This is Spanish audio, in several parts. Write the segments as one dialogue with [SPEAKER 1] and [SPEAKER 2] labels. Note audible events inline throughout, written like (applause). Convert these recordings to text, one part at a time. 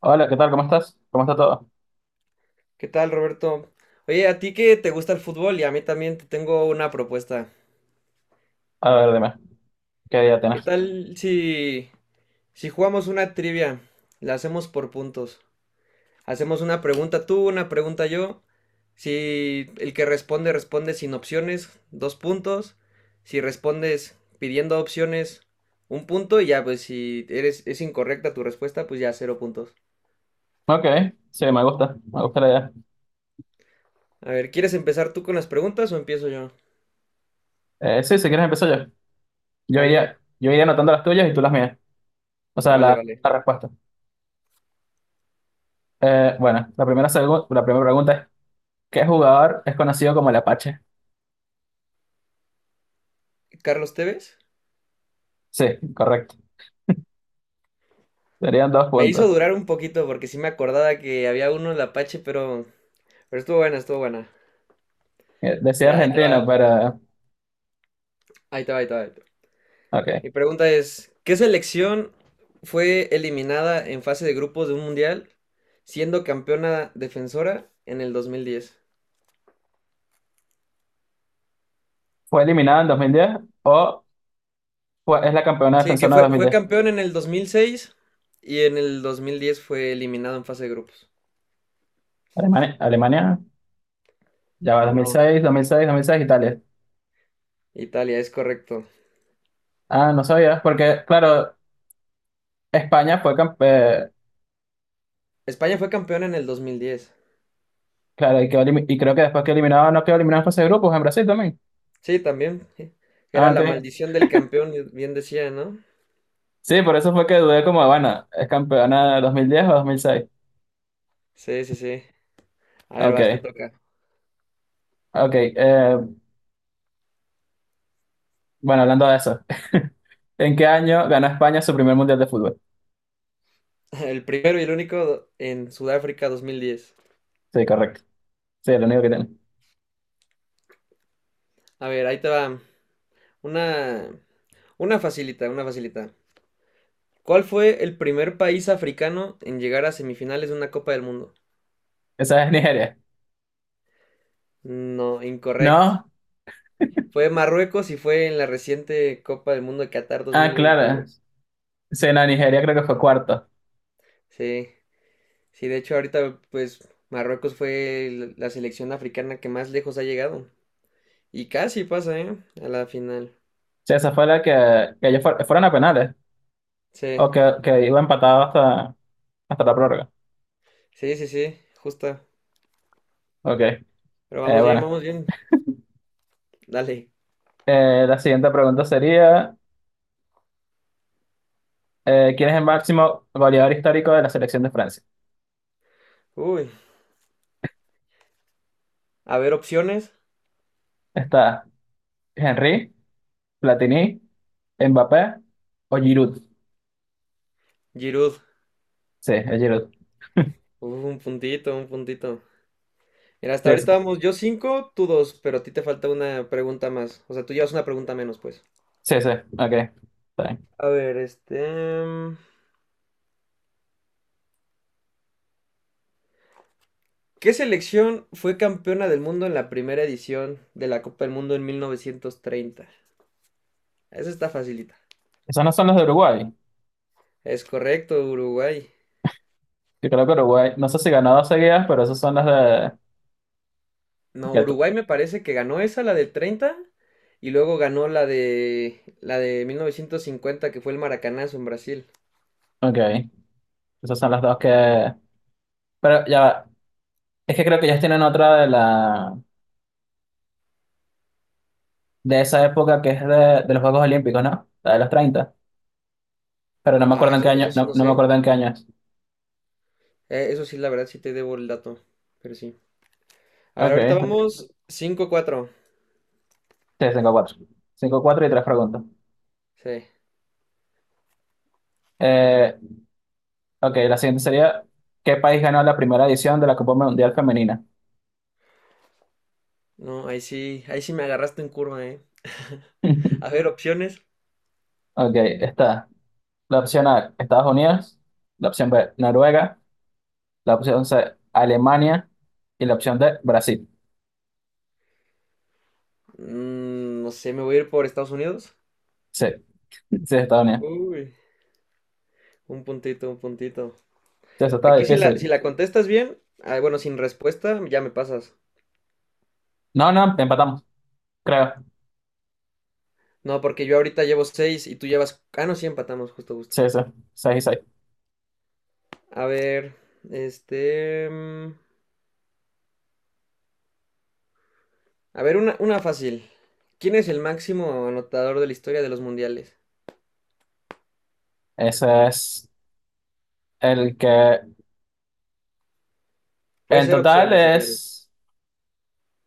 [SPEAKER 1] Hola, ¿qué tal? ¿Cómo estás? ¿Cómo está todo?
[SPEAKER 2] ¿Qué tal, Roberto? Oye, a ti que te gusta el fútbol y a mí también te tengo una propuesta.
[SPEAKER 1] A ver, dime, ¿qué idea
[SPEAKER 2] ¿Qué
[SPEAKER 1] tienes?
[SPEAKER 2] tal si jugamos una trivia? La hacemos por puntos. Hacemos una pregunta tú, una pregunta yo. Si el que responde responde sin opciones, dos puntos. Si respondes pidiendo opciones, un punto. Y ya, pues si eres, es incorrecta tu respuesta, pues ya cero puntos.
[SPEAKER 1] Ok, sí, me gusta la idea.
[SPEAKER 2] A ver, ¿quieres empezar tú con las preguntas o empiezo yo?
[SPEAKER 1] Sí, si quieres empiezo yo.
[SPEAKER 2] Vale,
[SPEAKER 1] Yo iría anotando las tuyas y tú las mías. O sea,
[SPEAKER 2] vale,
[SPEAKER 1] la,
[SPEAKER 2] vale.
[SPEAKER 1] la respuesta. Bueno, la primera pregunta es, ¿qué jugador es conocido como el Apache?
[SPEAKER 2] ¿Carlos Tevez?
[SPEAKER 1] Sí, correcto. Serían dos
[SPEAKER 2] Me
[SPEAKER 1] puntos.
[SPEAKER 2] hizo durar un poquito porque sí me acordaba que había uno en la Apache, pero estuvo buena, estuvo buena.
[SPEAKER 1] Decía
[SPEAKER 2] Mira, ahí te
[SPEAKER 1] argentino,
[SPEAKER 2] va,
[SPEAKER 1] pero...
[SPEAKER 2] ahí te va, ahí te va, ahí te va.
[SPEAKER 1] Ok.
[SPEAKER 2] Mi pregunta es: ¿qué selección fue eliminada en fase de grupos de un mundial siendo campeona defensora en el 2010?
[SPEAKER 1] ¿Fue eliminada en 2010 o es la campeona
[SPEAKER 2] Sí, que
[SPEAKER 1] defensora de dos
[SPEAKER 2] fue,
[SPEAKER 1] mil
[SPEAKER 2] fue
[SPEAKER 1] diez.
[SPEAKER 2] campeón en el 2006 y en el 2010 fue eliminado en fase de grupos.
[SPEAKER 1] Alemania, ya va dos mil mil
[SPEAKER 2] No,
[SPEAKER 1] seis, dos mil seis, 2006, Italia.
[SPEAKER 2] Italia, es correcto.
[SPEAKER 1] Ah, no sabías, porque, claro, España fue campeón,
[SPEAKER 2] España fue campeón en el 2010.
[SPEAKER 1] claro, y quedó y creo que después que eliminaron, no quedó eliminado en fase de grupos en Brasil también.
[SPEAKER 2] Sí, también. Sí.
[SPEAKER 1] Ah,
[SPEAKER 2] Era la
[SPEAKER 1] ok.
[SPEAKER 2] maldición del campeón, bien decía, ¿no?
[SPEAKER 1] Sí, por eso fue que dudé como, bueno, ¿es campeona de 2010 o 2006?
[SPEAKER 2] Sí, sí, sí. A ver,
[SPEAKER 1] Ok,
[SPEAKER 2] vas, te toca.
[SPEAKER 1] ok. Bueno, hablando de eso, (laughs) ¿en qué año ganó España su primer mundial de fútbol?
[SPEAKER 2] (laughs) El primero y el único en Sudáfrica 2010.
[SPEAKER 1] Sí, correcto. Sí, es lo único que tiene.
[SPEAKER 2] A ver, ahí te va. Una, una facilita, una facilita. ¿Cuál fue el primer país africano en llegar a semifinales de una Copa del Mundo?
[SPEAKER 1] Esa es Nigeria.
[SPEAKER 2] No, incorrecto.
[SPEAKER 1] ¿No?
[SPEAKER 2] Fue Marruecos y fue en la reciente Copa del Mundo de Qatar
[SPEAKER 1] Ah, claro.
[SPEAKER 2] 2022.
[SPEAKER 1] Sí, no, Nigeria creo que fue cuarto.
[SPEAKER 2] Sí, sí, de hecho ahorita pues Marruecos fue la selección africana que más lejos ha llegado. Y casi pasa, ¿eh? A la final.
[SPEAKER 1] Sí, esa fue la que ellos fueron a penales,
[SPEAKER 2] Sí.
[SPEAKER 1] o que iba empatado hasta, hasta la prórroga.
[SPEAKER 2] Sí, sí, sí, justa.
[SPEAKER 1] Ok,
[SPEAKER 2] Pero vamos bien,
[SPEAKER 1] bueno.
[SPEAKER 2] vamos bien. Dale.
[SPEAKER 1] La siguiente pregunta sería... ¿quién es el máximo goleador histórico de la selección de Francia?
[SPEAKER 2] Uy. A ver, opciones.
[SPEAKER 1] Está Henry, Platini, Mbappé o Giroud.
[SPEAKER 2] Giroud.
[SPEAKER 1] Sí, es Giroud.
[SPEAKER 2] Uf, un puntito, un puntito. Mira, hasta
[SPEAKER 1] Sí, sí,
[SPEAKER 2] ahorita vamos yo cinco, tú dos, pero a ti te falta una pregunta más. O sea, tú llevas una pregunta menos, pues.
[SPEAKER 1] sí, sí, ok. Está bien.
[SPEAKER 2] A ver, este, mm, ¿qué selección fue campeona del mundo en la primera edición de la Copa del Mundo en 1930? Esa está facilita.
[SPEAKER 1] Esos no son los de Uruguay.
[SPEAKER 2] Es correcto, Uruguay.
[SPEAKER 1] Yo creo que Uruguay, no sé si ganó dos seguidas, pero esos son los de...
[SPEAKER 2] No,
[SPEAKER 1] ya
[SPEAKER 2] Uruguay
[SPEAKER 1] tú.
[SPEAKER 2] me parece que ganó esa, la del 30 y luego ganó la de 1950 que fue el Maracanazo en Brasil.
[SPEAKER 1] Ok, esos son los dos que... Pero ya va. Es que creo que ellos tienen otra de la... de esa época que es de los Juegos Olímpicos, ¿no? La de los 30. Pero no me
[SPEAKER 2] Ah,
[SPEAKER 1] acuerdo en
[SPEAKER 2] eso,
[SPEAKER 1] qué
[SPEAKER 2] eso
[SPEAKER 1] año,
[SPEAKER 2] sí
[SPEAKER 1] no,
[SPEAKER 2] no
[SPEAKER 1] no me
[SPEAKER 2] sé.
[SPEAKER 1] acuerdo en qué año es.
[SPEAKER 2] Eso sí, la verdad, sí te debo el dato, pero sí. A ver,
[SPEAKER 1] Ok,
[SPEAKER 2] ahorita vamos cinco cuatro.
[SPEAKER 1] sí, cinco cuatro. Cinco cuatro y tres preguntas.
[SPEAKER 2] Sí.
[SPEAKER 1] Eh, Ok, la siguiente sería, ¿qué país ganó la primera edición de la Copa Mundial Femenina?
[SPEAKER 2] No, ahí sí me agarraste en curva, ¿eh? (laughs) A
[SPEAKER 1] (laughs)
[SPEAKER 2] ver, opciones.
[SPEAKER 1] Ok, está la opción A, Estados Unidos, la opción B, Noruega, la opción C, Alemania y la opción D, Brasil.
[SPEAKER 2] No sé, me voy a ir por Estados Unidos.
[SPEAKER 1] Sí, sí, Estados Unidos.
[SPEAKER 2] Uy, un puntito, un puntito.
[SPEAKER 1] Sí, eso estaba
[SPEAKER 2] Aquí si la, si
[SPEAKER 1] difícil.
[SPEAKER 2] la contestas bien, ah, bueno, sin respuesta, ya me pasas.
[SPEAKER 1] No, no, empatamos, creo.
[SPEAKER 2] No, porque yo ahorita llevo seis y tú llevas. Ah, no, sí empatamos, justo, justo.
[SPEAKER 1] Sí, sí, 6 y 6.
[SPEAKER 2] A ver, este, a ver, una fácil. ¿Quién es el máximo anotador de la historia de los mundiales?
[SPEAKER 1] Ese es el que
[SPEAKER 2] Puede
[SPEAKER 1] en
[SPEAKER 2] ser
[SPEAKER 1] total
[SPEAKER 2] opciones si quieres.
[SPEAKER 1] es...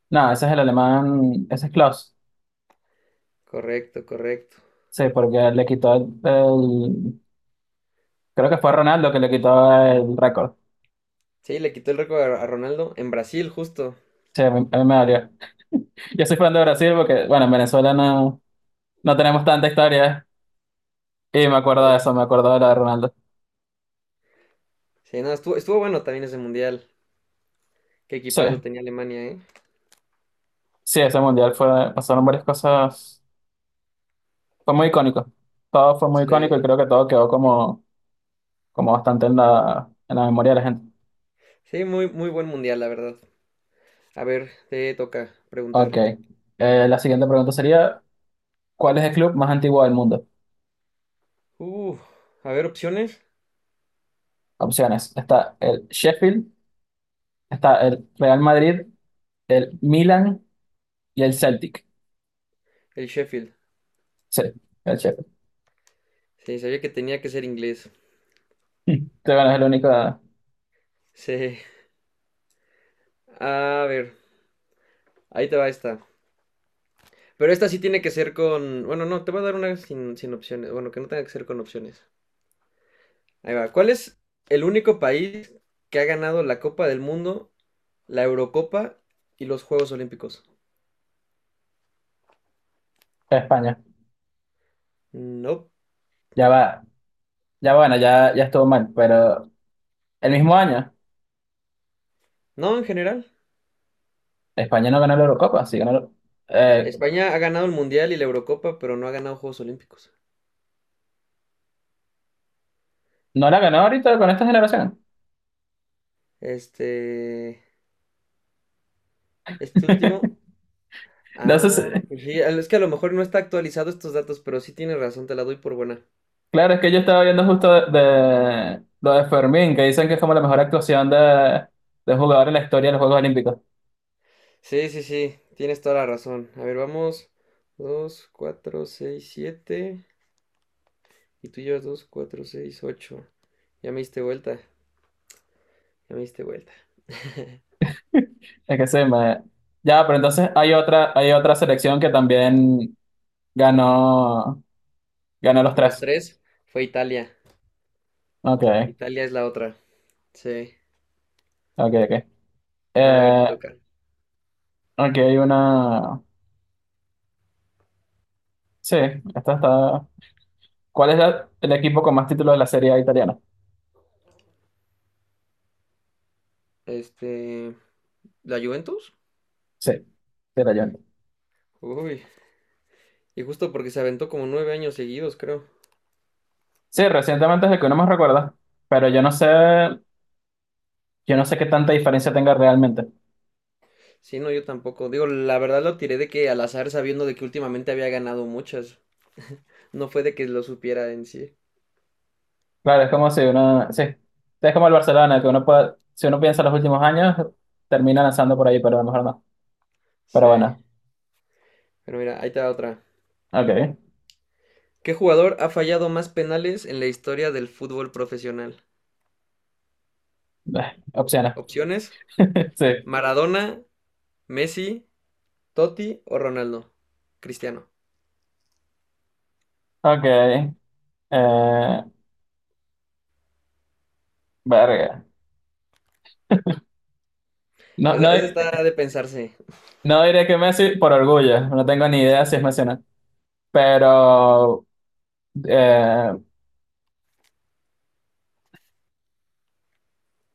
[SPEAKER 1] No, ese es el alemán, ese es Klaus.
[SPEAKER 2] Correcto, correcto.
[SPEAKER 1] Sí, porque le quitó creo que fue Ronaldo que le quitó el récord.
[SPEAKER 2] Sí, le quitó el récord a Ronaldo en Brasil, justo.
[SPEAKER 1] Sí, a mí me dolió. Yo soy fan de Brasil porque, bueno, en Venezuela no, no tenemos tanta historia, ¿eh? Y me acuerdo de
[SPEAKER 2] Sí,
[SPEAKER 1] eso, me acuerdo de la de Ronaldo.
[SPEAKER 2] sí, no, estuvo bueno también ese mundial. Qué
[SPEAKER 1] Sí,
[SPEAKER 2] equipazo tenía Alemania, ¿eh?
[SPEAKER 1] sí, ese mundial fue, pasaron varias cosas, fue muy icónico. Todo fue muy icónico y
[SPEAKER 2] Sí.
[SPEAKER 1] creo que todo quedó como, como bastante en la memoria de la gente.
[SPEAKER 2] Sí, muy, muy buen mundial, la verdad. A ver, te toca
[SPEAKER 1] Ok,
[SPEAKER 2] preguntar.
[SPEAKER 1] la siguiente pregunta sería, ¿cuál es el club más antiguo del mundo?
[SPEAKER 2] Uh, a ver, opciones.
[SPEAKER 1] Opciones, está el Sheffield, está el Real Madrid, el Milan y el Celtic.
[SPEAKER 2] El Sheffield.
[SPEAKER 1] Sí, el Sheffield. (laughs)
[SPEAKER 2] Sí, sabía que tenía que ser inglés.
[SPEAKER 1] Sí, bueno, es el único de
[SPEAKER 2] Sí. A ver, ahí te va esta. Pero esta sí tiene que ser con. Bueno, no, te voy a dar una sin opciones. Bueno, que no tenga que ser con opciones. Ahí va. ¿Cuál es el único país que ha ganado la Copa del Mundo, la Eurocopa y los Juegos Olímpicos?
[SPEAKER 1] España.
[SPEAKER 2] No.
[SPEAKER 1] Ya va. Ya bueno, ya, ya estuvo mal, pero el mismo año
[SPEAKER 2] No, en general.
[SPEAKER 1] España no ganó la Eurocopa, sí ganó, la- eh,
[SPEAKER 2] España ha ganado el Mundial y la Eurocopa, pero no ha ganado Juegos Olímpicos.
[SPEAKER 1] no la ganó ahorita con esta generación.
[SPEAKER 2] Este. Este último.
[SPEAKER 1] (laughs) Entonces,
[SPEAKER 2] Ah, pues sí. Es que a lo mejor no está actualizado estos datos, pero sí tienes razón, te la doy por buena.
[SPEAKER 1] claro, es que yo estaba viendo justo de lo de Fermín, que dicen que es como la mejor actuación de un jugador en la historia de los Juegos Olímpicos.
[SPEAKER 2] Sí, sí, sí, tienes toda la razón. A ver, vamos: dos, cuatro, seis, siete. Y tú llevas dos, cuatro, seis, ocho. Ya me diste vuelta, ya me diste vuelta.
[SPEAKER 1] (laughs) Es que sí me... Ya, pero entonces hay otra selección que también ganó, ganó los
[SPEAKER 2] Los
[SPEAKER 1] tres.
[SPEAKER 2] tres fue Italia.
[SPEAKER 1] Ok,
[SPEAKER 2] Italia es la otra. Sí.
[SPEAKER 1] ok, ok.
[SPEAKER 2] A ver, te
[SPEAKER 1] Eh,
[SPEAKER 2] toca.
[SPEAKER 1] ok, hay una... Sí, esta está... ¿Cuál es el equipo con más títulos de la Serie A italiana?
[SPEAKER 2] Este, ¿la Juventus?
[SPEAKER 1] Sí, Rayante.
[SPEAKER 2] Uy, y justo porque se aventó como 9 años seguidos, creo.
[SPEAKER 1] Sí, recientemente es el que uno más recuerda, pero yo no sé qué tanta diferencia tenga realmente.
[SPEAKER 2] Sí, no, yo tampoco. Digo, la verdad lo tiré de que al azar sabiendo de que últimamente había ganado muchas. No fue de que lo supiera en sí.
[SPEAKER 1] Claro, es como si uno, sí, es como el Barcelona, que uno puede, si uno piensa en los últimos años, termina lanzando por ahí, pero a lo mejor no. Pero
[SPEAKER 2] Sí.
[SPEAKER 1] bueno,
[SPEAKER 2] Pero mira, ahí te va otra.
[SPEAKER 1] ok.
[SPEAKER 2] ¿Qué jugador ha fallado más penales en la historia del fútbol profesional?
[SPEAKER 1] Opciones.
[SPEAKER 2] Opciones:
[SPEAKER 1] (laughs) Sí,
[SPEAKER 2] Maradona, Messi, Totti o Ronaldo. Cristiano.
[SPEAKER 1] ok. Eh, verga. No,
[SPEAKER 2] Esa,
[SPEAKER 1] no,
[SPEAKER 2] esa está de pensarse.
[SPEAKER 1] no diré que Messi por orgullo, no tengo ni idea si es Messi o no, pero eh,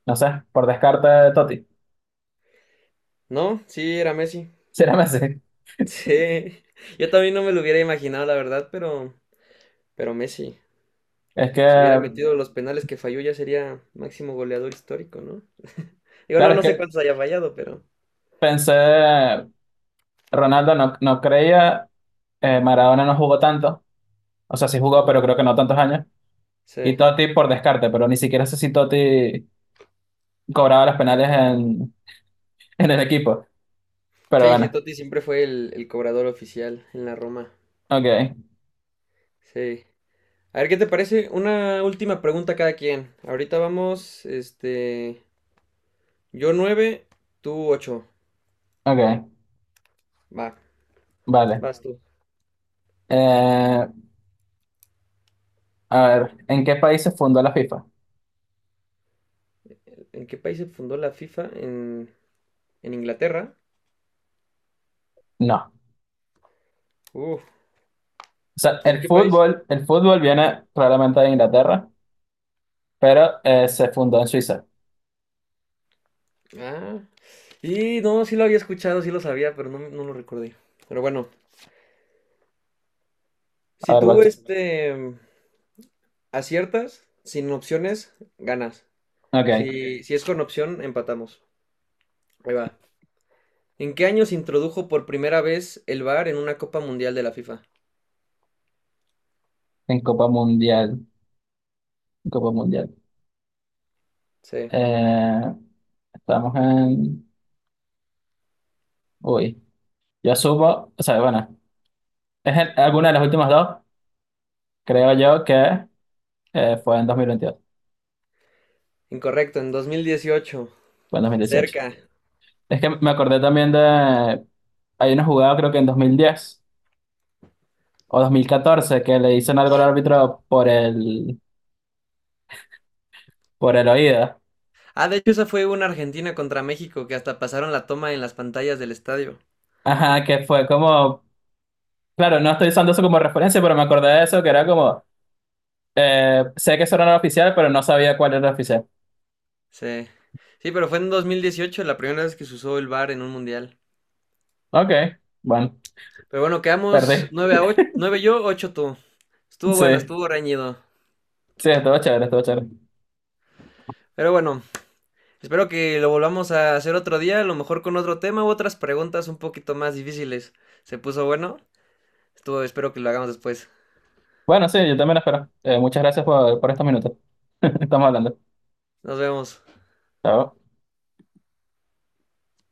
[SPEAKER 1] no sé, por descarte, Totti. (laughs)
[SPEAKER 2] ¿No? Sí, era Messi. (laughs)
[SPEAKER 1] Si era Messi.
[SPEAKER 2] Sí. Yo también no me lo hubiera imaginado, la verdad, pero Messi.
[SPEAKER 1] Es que,
[SPEAKER 2] Si hubiera metido los penales que falló, ya sería máximo goleador histórico, ¿no? (laughs) Digo, no,
[SPEAKER 1] claro, es
[SPEAKER 2] no sé
[SPEAKER 1] que
[SPEAKER 2] cuántos haya fallado, pero.
[SPEAKER 1] pensé, Ronaldo no, no creía, Maradona no jugó tanto, o sea, sí
[SPEAKER 2] Sí,
[SPEAKER 1] jugó, pero
[SPEAKER 2] no.
[SPEAKER 1] creo que no tantos años, y
[SPEAKER 2] Sí.
[SPEAKER 1] Totti por descarte, pero ni siquiera sé si Totti cobraba los penales en, (laughs) en el equipo, pero
[SPEAKER 2] Sí, sí,
[SPEAKER 1] bueno,
[SPEAKER 2] Totti siempre fue el cobrador oficial en la Roma.
[SPEAKER 1] ok,
[SPEAKER 2] Sí. A ver, ¿qué te parece? Una última pregunta a cada quien. Ahorita vamos, este, yo nueve, tú ocho.
[SPEAKER 1] ok,
[SPEAKER 2] Va,
[SPEAKER 1] vale.
[SPEAKER 2] vas tú.
[SPEAKER 1] Eh, a ver, ¿en qué país se fundó la FIFA?
[SPEAKER 2] ¿En qué país se fundó la FIFA? En Inglaterra.
[SPEAKER 1] No, o
[SPEAKER 2] Uf,
[SPEAKER 1] sea,
[SPEAKER 2] ¿en qué país?
[SPEAKER 1] el fútbol viene probablemente de Inglaterra, pero se fundó en Suiza.
[SPEAKER 2] Ah, y no, sí lo había escuchado, sí lo sabía, pero no, no lo recordé. Pero bueno,
[SPEAKER 1] A
[SPEAKER 2] si
[SPEAKER 1] ver,
[SPEAKER 2] tú,
[SPEAKER 1] what-
[SPEAKER 2] este, aciertas, sin opciones, ganas. Si,
[SPEAKER 1] ok,
[SPEAKER 2] Ok. Si es con opción, empatamos. Ahí va. ¿En qué año se introdujo por primera vez el VAR en una Copa Mundial de la FIFA?
[SPEAKER 1] en Copa Mundial, Copa Mundial.
[SPEAKER 2] Sí.
[SPEAKER 1] Eh, estamos en... Uy. Yo supo, o sea, bueno, es en- alguna de las últimas dos, creo yo que fue en 2022,
[SPEAKER 2] Incorrecto, en 2018.
[SPEAKER 1] fue en 2018.
[SPEAKER 2] Cerca.
[SPEAKER 1] Es que me acordé también de, hay una jugada creo que en 2010 o 2014 que le hicieron algo al árbitro por el oído.
[SPEAKER 2] Ah, de hecho, esa fue una Argentina contra México que hasta pasaron la toma en las pantallas del estadio.
[SPEAKER 1] Ajá, que fue como, claro, no estoy usando eso como referencia, pero me acordé de eso, que era como, sé que eso no era no oficial, pero no sabía cuál era oficial.
[SPEAKER 2] Sí. Sí, pero fue en 2018 la primera vez que se usó el VAR en un mundial.
[SPEAKER 1] Ok, bueno,
[SPEAKER 2] Pero bueno, quedamos
[SPEAKER 1] perdí.
[SPEAKER 2] 9-8, 9 yo, 8 tú. Estuvo
[SPEAKER 1] Sí,
[SPEAKER 2] bueno, estuvo reñido.
[SPEAKER 1] sí, estuvo chévere, estuvo chévere.
[SPEAKER 2] Pero bueno, espero que lo volvamos a hacer otro día, a lo mejor con otro tema u otras preguntas un poquito más difíciles. Se puso bueno. Espero que lo hagamos después.
[SPEAKER 1] Bueno, sí, yo también espero. Muchas gracias por estos minutos. (laughs) Estamos hablando.
[SPEAKER 2] Nos vemos.
[SPEAKER 1] Chao.